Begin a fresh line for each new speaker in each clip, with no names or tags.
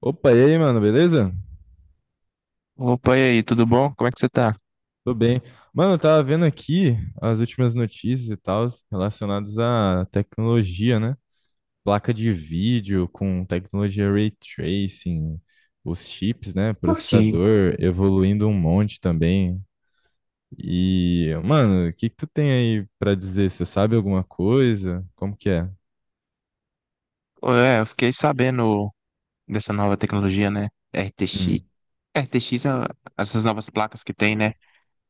Opa, e aí, mano, beleza?
Opa, e aí, tudo bom? Como é que você tá?
Tô bem. Mano, eu tava vendo aqui as últimas notícias e tal relacionadas à tecnologia, né? Placa de vídeo com tecnologia ray tracing, os chips, né? Processador evoluindo um monte também. E, mano, o que que tu tem aí pra dizer? Você sabe alguma coisa? Como que é?
Ô, é, eu fiquei sabendo dessa nova tecnologia, né? RTX.
Hum.
RTX, essas novas placas que tem, né?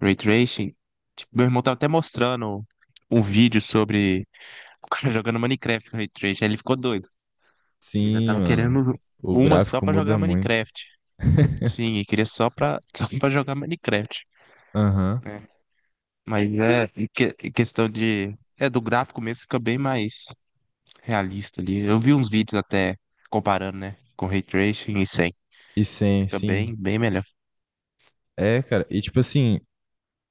Ray Tracing. Tipo, meu irmão tava até mostrando um vídeo sobre o cara jogando Minecraft com Ray Tracing. Aí ele ficou doido. Ele já
Sim,
tava
mano.
querendo
O
uma só
gráfico
pra
muda
jogar
muito.
Minecraft. Sim, ele queria só pra, só pra jogar Minecraft,
Aham.
né? Mas é, em questão de. É, do gráfico mesmo fica bem mais realista ali. Eu vi uns vídeos até comparando, né, com ray tracing e sem.
E sim,
Fica
sim.
bem, bem melhor.
É, cara. E tipo assim,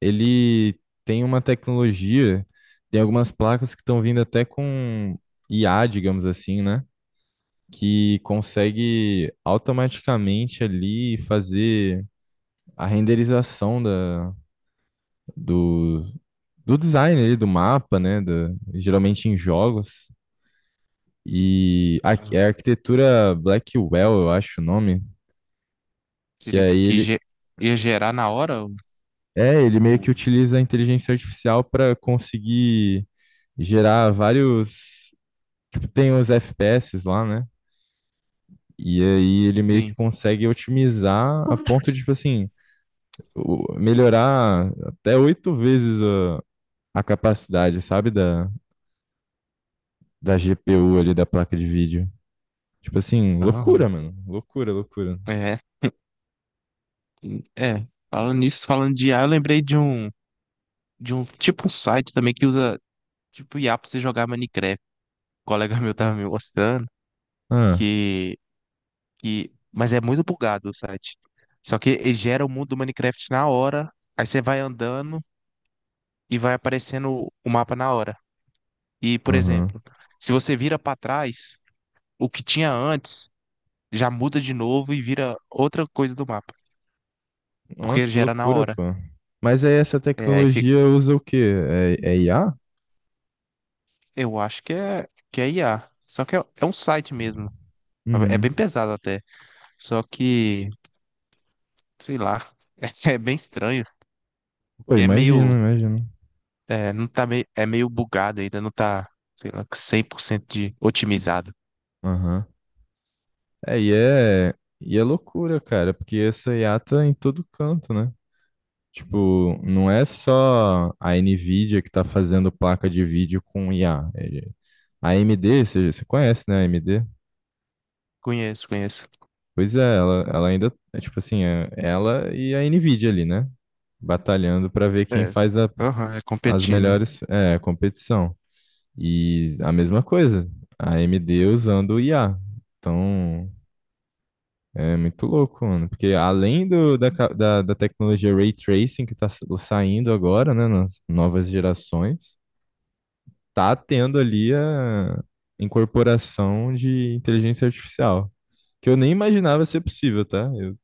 ele tem uma tecnologia, tem algumas placas que estão vindo até com IA, digamos assim, né? Que consegue automaticamente ali fazer a renderização do, do design ali, do mapa, né? Geralmente em jogos. E a,
Aham.
é a arquitetura Blackwell, eu acho o nome, que
Seria o que,
aí ele.
ia gerar na hora? O...
É, ele meio que
o-
utiliza a inteligência artificial para conseguir gerar vários tipo, tem os FPS lá, né? E aí ele meio que
Sim.
consegue otimizar a ponto de, tipo assim, melhorar até 8 vezes a capacidade, sabe, da GPU ali, da placa de vídeo. Tipo assim,
Aham.
loucura, mano. Loucura, loucura.
É, é. Falando nisso, falando de IA, eu lembrei de um tipo um site também que usa tipo IA pra você jogar Minecraft. O colega meu tava me mostrando
Ah,
que, que, mas é muito bugado o site. Só que ele gera o mundo do Minecraft na hora. Aí você vai andando e vai aparecendo o mapa na hora. E, por
aham.
exemplo, se você vira para trás, o que tinha antes já muda de novo e vira outra coisa do mapa,
Nossa,
porque
que
gera na
loucura,
hora.
pô. Mas aí essa
É, aí fica-
tecnologia usa o quê? É IA?
eu acho que é IA. Só que é um site mesmo. É bem
Uhum.
pesado até. Só que, sei lá, é, bem estranho,
Pô,
porque é meio,
imagino, imagino.
é, não tá meio, é meio bugado ainda, não tá, sei lá, cem por cento de otimizado.
Aham. É, e é, e é loucura, cara, porque essa IA tá em todo canto, né? Tipo, não é só a Nvidia que tá fazendo placa de vídeo com IA. É, a AMD, você conhece, né, a AMD?
Conheço, conheço.
Pois é, ela ainda, é, tipo assim, é ela e a Nvidia ali, né? Batalhando pra ver quem
É,
faz
aham, é
as
competindo.
melhores, é, competição. E a mesma coisa, a AMD usando o IA. Então, é muito louco, mano. Porque além do, da, ca- da, da tecnologia Ray Tracing que tá saindo agora, né, nas novas gerações, tá tendo ali a incorporação de inteligência artificial, que eu nem imaginava ser possível, tá? Eu,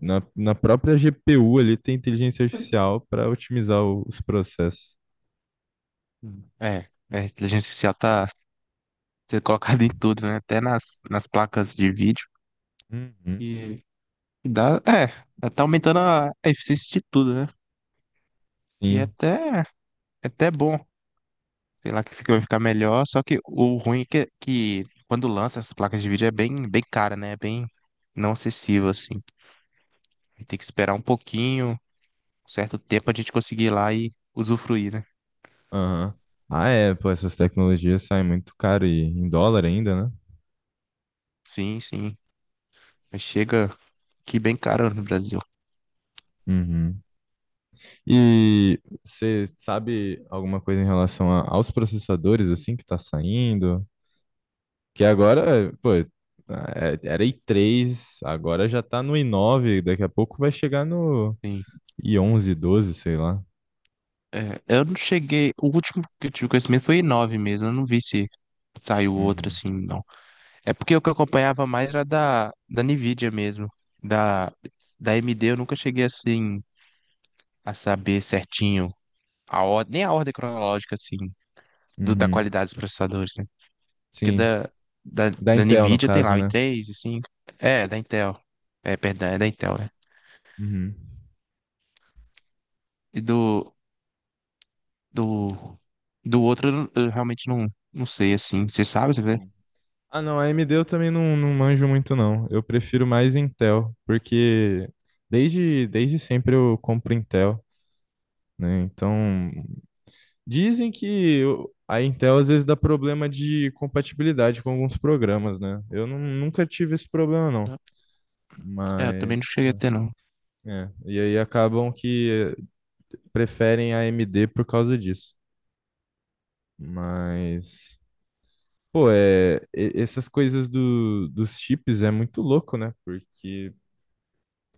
na própria GPU ali tem inteligência artificial para otimizar os processos.
A inteligência artificial tá ser colocado em tudo, né? Até nas placas de vídeo.
Uhum.
E e dá, é, tá aumentando a eficiência de tudo, né? E é
Sim.
até, é até bom. Sei lá que fica, vai ficar melhor. Só que o ruim é que quando lança essas placas de vídeo é bem, bem cara, né? É bem não acessível, assim. Tem que esperar um pouquinho, um certo tempo a gente conseguir ir lá e usufruir, né?
Aham. Ah, é, pô, essas tecnologias saem muito caro e em dólar ainda, né?
Sim, sim. Mas chega aqui bem caro no Brasil.
Uhum. E você sabe alguma coisa em relação aos processadores assim que tá saindo? Que agora, pô, era i3, agora já tá no i9, daqui a pouco vai chegar no
Sim.
i11, 12 sei lá.
É, eu não cheguei. O último que eu tive conhecimento foi nove mesmo. Eu não vi se saiu outro
Uhum.
assim, não. É porque o que eu acompanhava mais era da Nvidia mesmo. Da, Da AMD eu nunca cheguei assim a saber certinho a ordem, nem a ordem cronológica assim, da
Uhum.
qualidade dos processadores, né? Porque
Sim,
da, da,
da
da
Intel no
Nvidia tem lá
caso,
o
né?
i3, cinco. É, da Intel. É, perdão, é da Intel, né?
Uhum.
E do, do, do outro eu, eu realmente não, não sei assim. Você sabe, você vê?
Uhum. Ah, não, a AMD eu também não, não manjo muito, não. Eu prefiro mais Intel, porque desde sempre eu compro Intel, né? Então, dizem que a Intel às vezes dá problema de compatibilidade com alguns programas, né? Eu nunca tive esse problema, não.
É, eu
Mas,
também não cheguei a ter, não.
é, e aí acabam que preferem a AMD por causa disso. Mas, pô, é, essas coisas do, dos chips é muito louco, né? Porque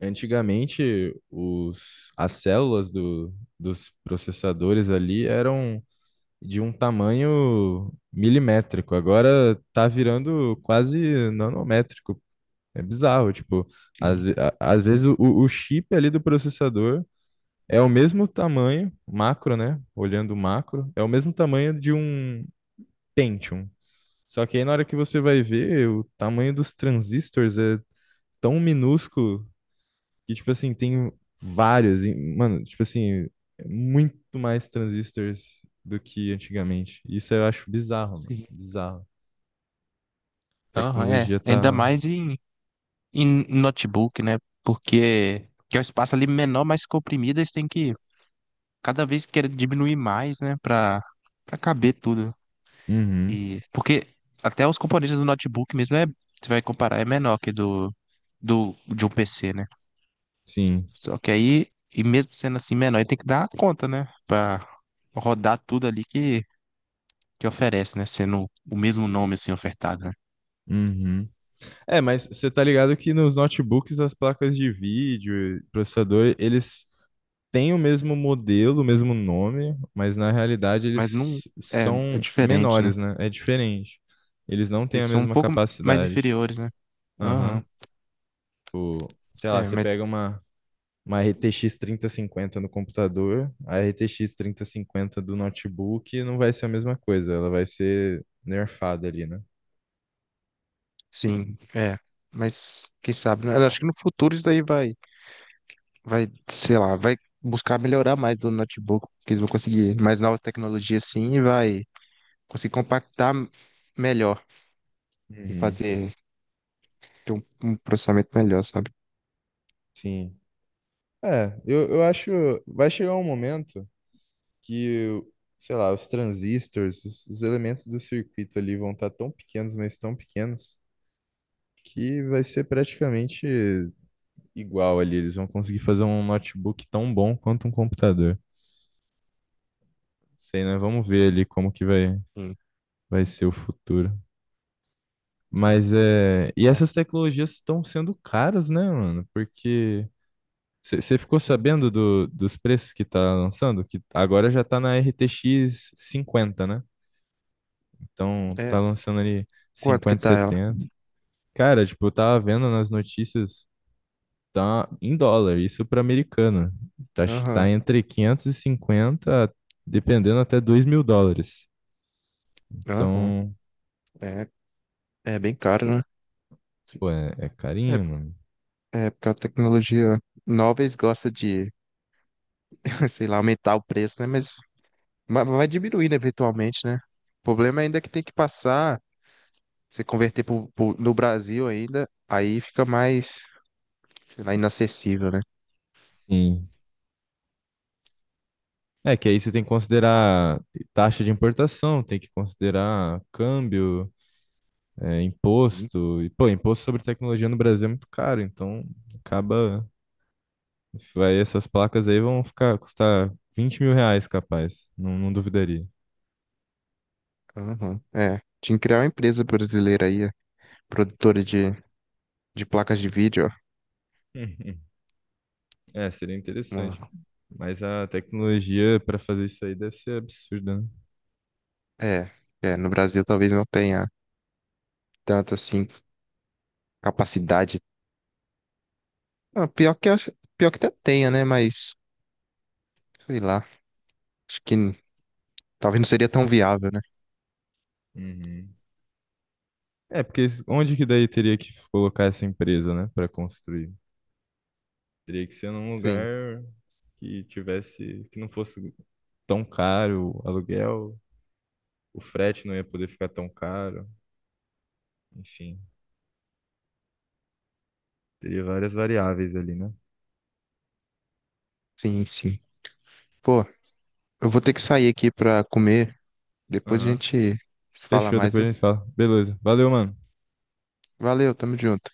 antigamente os, as células dos processadores ali eram de um tamanho milimétrico. Agora tá virando quase nanométrico. É bizarro, tipo, às,
Sim,
ve- a- às vezes o chip ali do processador é o mesmo tamanho, macro, né? Olhando o macro, é o mesmo tamanho de um Pentium. Só que aí na hora que você vai ver, o tamanho dos transistores é tão minúsculo que, tipo assim, tem vários. Mano, tipo assim, é muito mais transistores do que antigamente. Isso eu acho bizarro, mano.
sim.
Bizarro.
Aham, é.
Tecnologia
Ainda
tá.
mais em, em notebook, né? Porque que é o espaço ali menor, mais comprimido, eles têm que cada vez querer diminuir mais, né? Pra caber tudo.
Uhum.
E, porque até os componentes do notebook mesmo, é, você vai comparar, é menor que de um PC, né?
Sim.
Só que aí, e mesmo sendo assim menor, ele tem que dar conta, né? Pra rodar tudo ali que oferece, né? Sendo o mesmo nome assim ofertado.
Uhum. É, mas você tá ligado que nos notebooks as placas de vídeo, e processador, eles têm o mesmo modelo, o mesmo nome, mas na realidade eles
Mas não. É, é
são
diferente, né?
menores, né? É diferente. Eles não têm a
Eles são um
mesma
pouco mais
capacidade.
inferiores, né?
Aham.
Aham.
O, sei lá,
É,
você
mas
pega uma RTX 3050 no computador, a RTX 3050 do notebook não vai ser a mesma coisa, ela vai ser nerfada ali, né?
sim, é. Mas quem sabe, né? Eu acho que no futuro isso daí vai, sei lá, vai buscar melhorar mais do notebook, que eles vão conseguir mais novas tecnologias sim e vai conseguir compactar melhor e
Uhum.
fazer ter um processamento melhor, sabe?
Sim. É, eu acho. Vai chegar um momento que, sei lá, os transistores, os elementos do circuito ali vão estar tão pequenos, mas tão pequenos, que vai ser praticamente igual ali. Eles vão conseguir fazer um notebook tão bom quanto um computador. Sei, né? Vamos ver ali como que vai,
Sim,
vai ser o futuro.
sim.
Mas é. E
É,
essas tecnologias estão sendo caras, né, mano? Porque. Você ficou
sim.
sabendo do, dos preços que tá lançando? Que agora já tá na RTX 50, né? Então,
É,
tá lançando ali
quanto que
cinquenta
tá ela?
setenta Cara, tipo, eu tava vendo nas notícias, tá em dólar, isso pra americana. Tá, tá
Aham,
entre 550, dependendo, até 2.000 dólares.
aham.
Então,
É, é bem caro, né? Sim.
pô, é, é
É,
carinho, mano.
é porque a tecnologia nova eles gostam de, sei lá, aumentar o preço, né? Mas vai diminuindo eventualmente, né? O problema ainda é que tem que passar, se converter no Brasil ainda, aí fica mais, sei lá, inacessível, né?
Sim. É que aí você tem que considerar taxa de importação, tem que considerar câmbio, é,
Sim.
imposto. E, pô, imposto sobre tecnologia no Brasil é muito caro, então acaba. Vai, essas placas aí vão ficar custar R$ 20.000, capaz. Não, não duvidaria.
Aham. É, tinha que criar uma empresa brasileira aí, produtora de placas de vídeo, ó.
Uhum. É, seria interessante.
Uma-
Mas a tecnologia para fazer isso aí deve ser absurda, né?
é, é, no Brasil talvez não tenha tanta, assim, capacidade. Ah, pior que, pior que até tenha, né? Mas, sei lá, acho que talvez não seria tão viável, né?
Uhum. É, porque onde que daí teria que colocar essa empresa, né, para construir? Teria que ser num
Sim,
lugar que tivesse, que não fosse tão caro o aluguel, o frete não ia poder ficar tão caro, enfim, teria várias variáveis ali, né?
sim, sim. Pô, eu vou ter que sair aqui pra comer, depois a
Aham.
gente se fala
Fechou,
mais,
depois a
viu?
gente fala. Beleza, valeu, mano.
Valeu, tamo junto.